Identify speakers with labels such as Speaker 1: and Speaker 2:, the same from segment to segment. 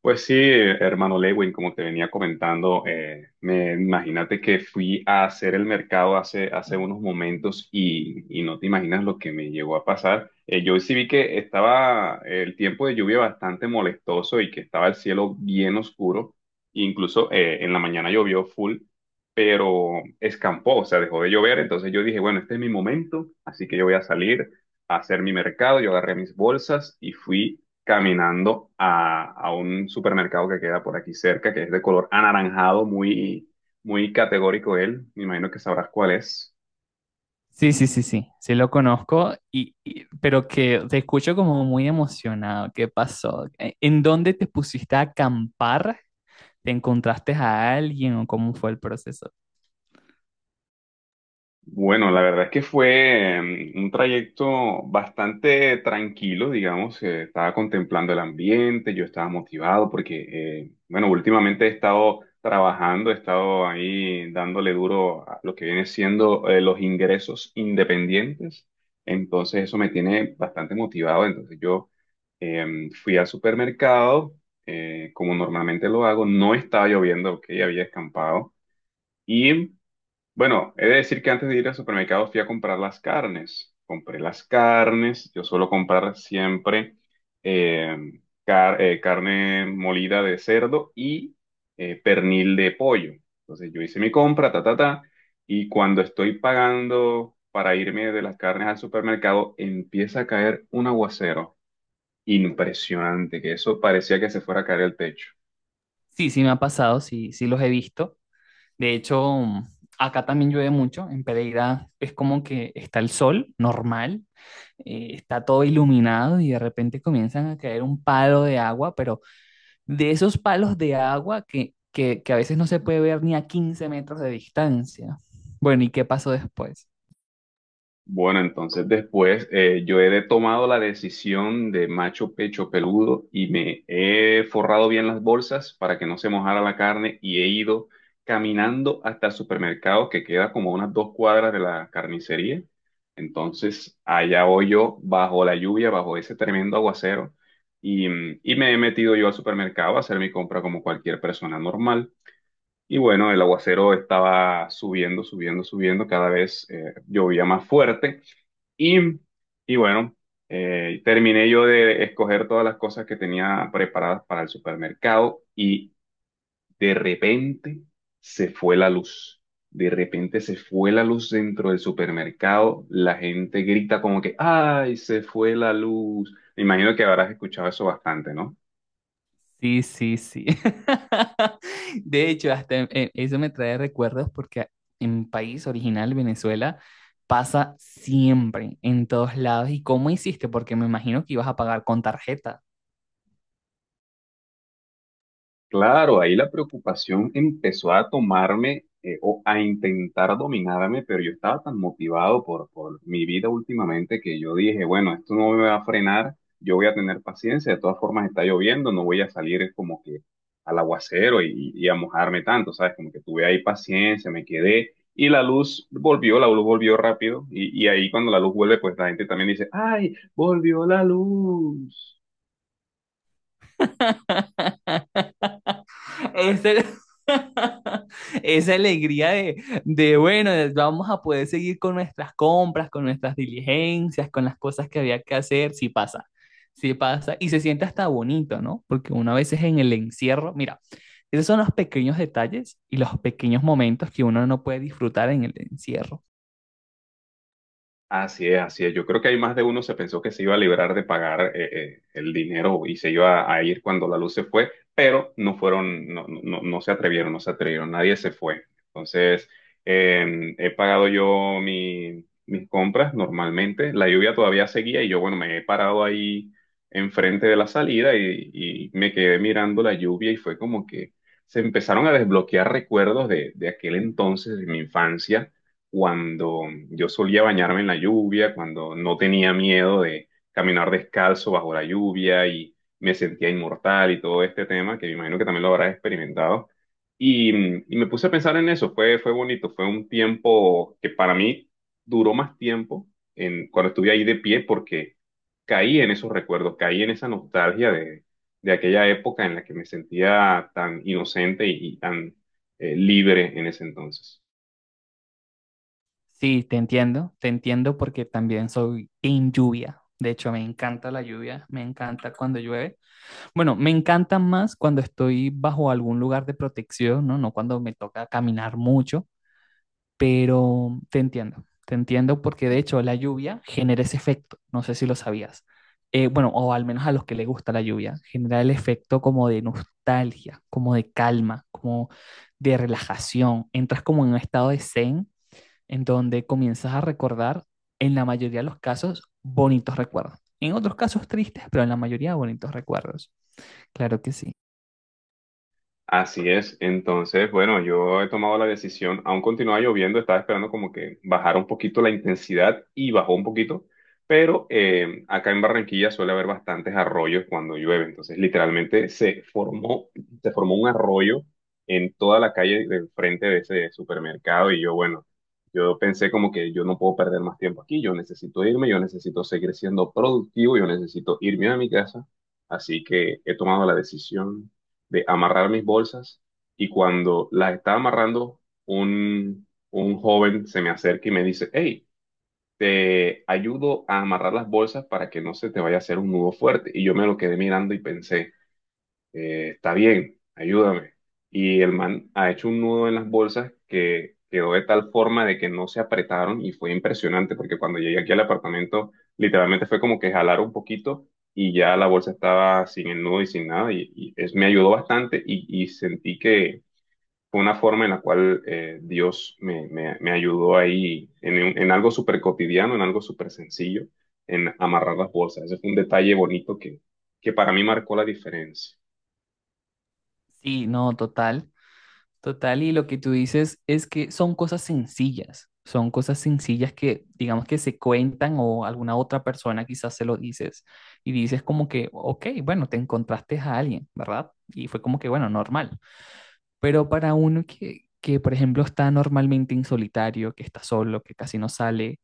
Speaker 1: Pues sí, hermano Lewin, como te venía comentando, me imagínate que fui a hacer el mercado hace unos momentos y no te imaginas lo que me llegó a pasar. Yo sí vi que estaba el tiempo de lluvia bastante molestoso y que estaba el cielo bien oscuro. Incluso en la mañana llovió full, pero escampó, o sea, dejó de llover. Entonces yo dije, bueno, este es mi momento, así que yo voy a salir a hacer mi mercado. Yo agarré mis bolsas y fui caminando a un supermercado que queda por aquí cerca, que es de color anaranjado, muy categórico él. Me imagino que sabrás cuál es.
Speaker 2: Sí, sí, sí, sí, sí lo conozco, pero que te escucho como muy emocionado. ¿Qué pasó? ¿En dónde te pusiste a acampar? ¿Te encontraste a alguien o cómo fue el proceso?
Speaker 1: Bueno, la verdad es que fue un trayecto bastante tranquilo, digamos. Eh, estaba contemplando el ambiente, yo estaba motivado porque, bueno, últimamente he estado trabajando, he estado ahí dándole duro a lo que viene siendo los ingresos independientes. Entonces eso me tiene bastante motivado. Entonces yo fui al supermercado, como normalmente lo hago, no estaba lloviendo, ok, había escampado. Y bueno, he de decir que antes de ir al supermercado fui a comprar las carnes. Compré las carnes. Yo suelo comprar siempre eh, carne molida de cerdo y pernil de pollo. Entonces yo hice mi compra, ta, ta, ta. Y cuando estoy pagando para irme de las carnes al supermercado, empieza a caer un aguacero. Impresionante, que eso parecía que se fuera a caer el techo.
Speaker 2: Sí, sí me ha pasado, sí, sí los he visto. De hecho, acá también llueve mucho. En Pereira es como que está el sol normal, está todo iluminado y de repente comienzan a caer un palo de agua, pero de esos palos de agua que a veces no se puede ver ni a 15 metros de distancia. Bueno, ¿y qué pasó después?
Speaker 1: Bueno, entonces después yo he tomado la decisión de macho pecho peludo y me he forrado bien las bolsas para que no se mojara la carne y he ido caminando hasta el supermercado que queda como a unas dos cuadras de la carnicería. Entonces allá voy yo bajo la lluvia, bajo ese tremendo aguacero y, y me he metido yo al supermercado a hacer mi compra como cualquier persona normal. Y bueno, el aguacero estaba subiendo, subiendo, subiendo, cada vez llovía más fuerte. Y, y bueno, terminé yo de escoger todas las cosas que tenía preparadas para el supermercado y de repente se fue la luz. De repente se fue la luz dentro del supermercado. La gente grita como que, ¡ay, se fue la luz! Me imagino que habrás escuchado eso bastante, ¿no?
Speaker 2: Sí, sí, sí. De hecho, eso me trae recuerdos porque en mi país original, Venezuela, pasa siempre, en todos lados. ¿Y cómo hiciste? Porque me imagino que ibas a pagar con tarjeta.
Speaker 1: Claro, ahí la preocupación empezó a tomarme o a intentar dominarme, pero yo estaba tan motivado por mi vida últimamente que yo dije, bueno, esto no me va a frenar, yo voy a tener paciencia, de todas formas está lloviendo, no voy a salir como que al aguacero y a mojarme tanto, ¿sabes? Como que tuve ahí paciencia, me quedé y la luz volvió rápido y ahí cuando la luz vuelve, pues la gente también dice, ¡ay, volvió la luz!
Speaker 2: Esa, esa alegría bueno, vamos a poder seguir con nuestras compras, con nuestras diligencias, con las cosas que había que hacer, sí pasa, y se siente hasta bonito, ¿no? Porque una vez es en el encierro, mira, esos son los pequeños detalles y los pequeños momentos que uno no puede disfrutar en el encierro.
Speaker 1: Así es, así es. Yo creo que hay más de uno se pensó que se iba a librar de pagar el dinero y se iba a ir cuando la luz se fue, pero no fueron, no, no no se atrevieron, no se atrevieron, nadie se fue. Entonces, he pagado yo mis compras normalmente. La lluvia todavía seguía y yo, bueno, me he parado ahí enfrente de la salida y me quedé mirando la lluvia y fue como que se empezaron a desbloquear recuerdos de aquel entonces, de mi infancia cuando yo solía bañarme en la lluvia, cuando no tenía miedo de caminar descalzo bajo la lluvia y me sentía inmortal y todo este tema, que me imagino que también lo habrás experimentado. Y, y me puse a pensar en eso, fue bonito, fue un tiempo que para mí duró más tiempo en, cuando estuve ahí de pie porque caí en esos recuerdos, caí en esa nostalgia de aquella época en la que me sentía tan inocente y tan libre en ese entonces.
Speaker 2: Sí, te entiendo porque también soy en lluvia. De hecho, me encanta la lluvia, me encanta cuando llueve. Bueno, me encantan más cuando estoy bajo algún lugar de protección, ¿no? No cuando me toca caminar mucho, pero te entiendo porque de hecho la lluvia genera ese efecto, no sé si lo sabías. Bueno, o al menos a los que les gusta la lluvia, genera el efecto como de nostalgia, como de calma, como de relajación. Entras como en un estado de zen en donde comienzas a recordar, en la mayoría de los casos, bonitos recuerdos. En otros casos tristes, pero en la mayoría bonitos recuerdos. Claro que sí.
Speaker 1: Así es. Entonces, bueno, yo he tomado la decisión, aún continuaba lloviendo, estaba esperando como que bajara un poquito la intensidad y bajó un poquito, pero acá en Barranquilla suele haber bastantes arroyos cuando llueve. Entonces, literalmente se formó un arroyo en toda la calle del frente de ese supermercado y yo, bueno, yo pensé como que yo no puedo perder más tiempo aquí, yo necesito irme, yo necesito seguir siendo productivo, yo necesito irme a mi casa. Así que he tomado la decisión de amarrar mis bolsas y cuando las estaba amarrando, un joven se me acerca y me dice, hey, te ayudo a amarrar las bolsas para que no se te vaya a hacer un nudo fuerte. Y yo me lo quedé mirando y pensé, está bien, ayúdame. Y el man ha hecho un nudo en las bolsas que quedó de tal forma de que no se apretaron y fue impresionante porque cuando llegué aquí al apartamento literalmente fue como que jalar un poquito y ya la bolsa estaba sin el nudo y sin nada y es, me ayudó bastante y sentí que fue una forma en la cual Dios me ayudó ahí en en algo súper cotidiano, en algo súper sencillo, en amarrar las bolsas. Ese fue un detalle bonito que para mí marcó la diferencia.
Speaker 2: Sí, no, total, total. Y lo que tú dices es que son cosas sencillas que digamos que se cuentan o alguna otra persona quizás se lo dices y dices como que, ok, bueno, te encontraste a alguien, ¿verdad? Y fue como que, bueno, normal. Pero para uno por ejemplo, está normalmente en solitario, que está solo, que casi no sale,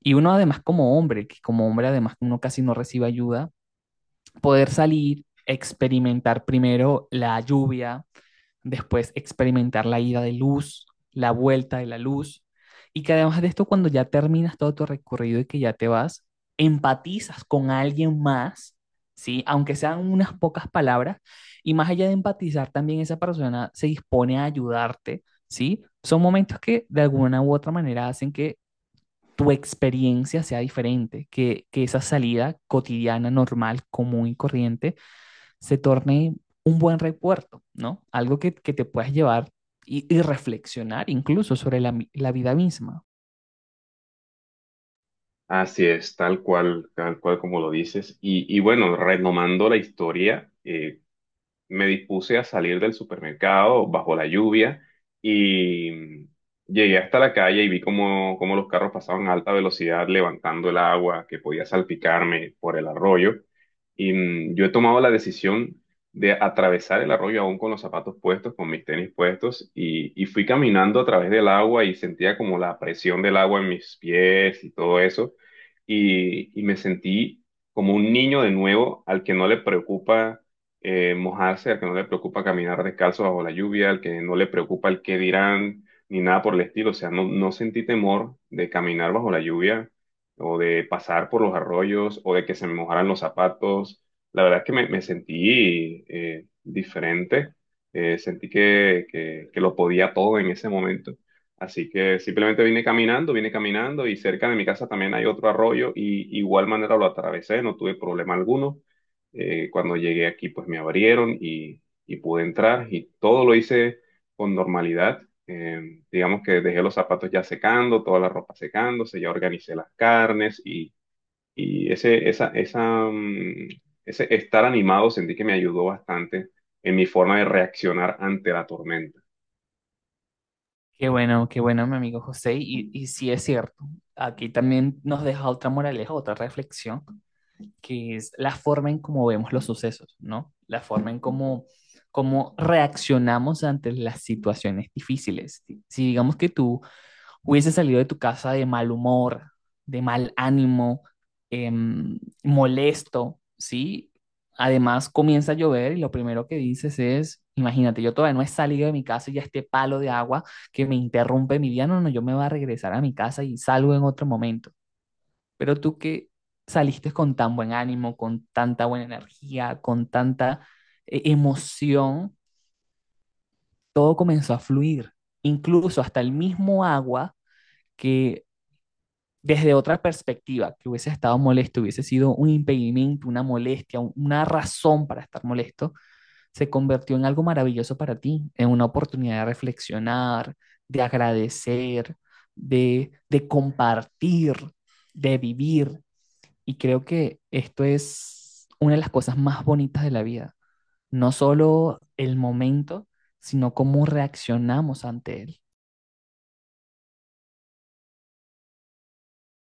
Speaker 2: y uno además como hombre, que como hombre además uno casi no recibe ayuda, poder salir, experimentar primero la lluvia, después experimentar la ida de luz, la vuelta de la luz, y que además de esto, cuando ya terminas todo tu recorrido y que ya te vas, empatizas con alguien más, ¿sí? Aunque sean unas pocas palabras, y más allá de empatizar, también esa persona se dispone a ayudarte, ¿sí? Son momentos que de alguna u otra manera hacen que tu experiencia sea diferente, que esa salida cotidiana, normal, común y corriente se torne un buen recuerdo, ¿no? Algo que te puedas llevar reflexionar incluso sobre vida misma.
Speaker 1: Así es, tal cual como lo dices. Y bueno, retomando la historia, me dispuse a salir del supermercado bajo la lluvia y llegué hasta la calle y vi cómo, cómo los carros pasaban a alta velocidad levantando el agua que podía salpicarme por el arroyo. Y yo he tomado la decisión de atravesar el arroyo aún con los zapatos puestos, con mis tenis puestos, y fui caminando a través del agua y sentía como la presión del agua en mis pies y todo eso. Y me sentí como un niño de nuevo al que no le preocupa mojarse, al que no le preocupa caminar descalzo bajo la lluvia, al que no le preocupa el qué dirán, ni nada por el estilo. O sea, no, no sentí temor de caminar bajo la lluvia o de pasar por los arroyos o de que se me mojaran los zapatos. La verdad es que me sentí diferente, sentí que lo podía todo en ese momento. Así que simplemente vine caminando y cerca de mi casa también hay otro arroyo y igual manera lo atravesé, no tuve problema alguno. Cuando llegué aquí pues me abrieron y pude entrar y todo lo hice con normalidad. Digamos que dejé los zapatos ya secando, toda la ropa secándose, ya organicé las carnes y ese, esa, esa, mm, ese estar animado sentí que me ayudó bastante en mi forma de reaccionar ante la tormenta.
Speaker 2: Qué bueno, mi amigo José, sí es cierto. Aquí también nos deja otra moraleja, otra reflexión, que es la forma en cómo vemos los sucesos, ¿no? La forma en cómo reaccionamos ante las situaciones difíciles. Si digamos que tú hubiese salido de tu casa de mal humor, de mal ánimo, molesto, ¿sí? Además comienza a llover y lo primero que dices es, imagínate, yo todavía no he salido de mi casa y ya este palo de agua que me interrumpe mi día, no, no, yo me voy a regresar a mi casa y salgo en otro momento. Pero tú que saliste con tan buen ánimo, con tanta buena energía, con tanta emoción, todo comenzó a fluir. Incluso hasta el mismo agua que desde otra perspectiva, que hubiese estado molesto, hubiese sido un impedimento, una molestia, una razón para estar molesto, se convirtió en algo maravilloso para ti, en una oportunidad de reflexionar, de agradecer, de compartir, de vivir. Y creo que esto es una de las cosas más bonitas de la vida, no solo el momento, sino cómo reaccionamos ante él.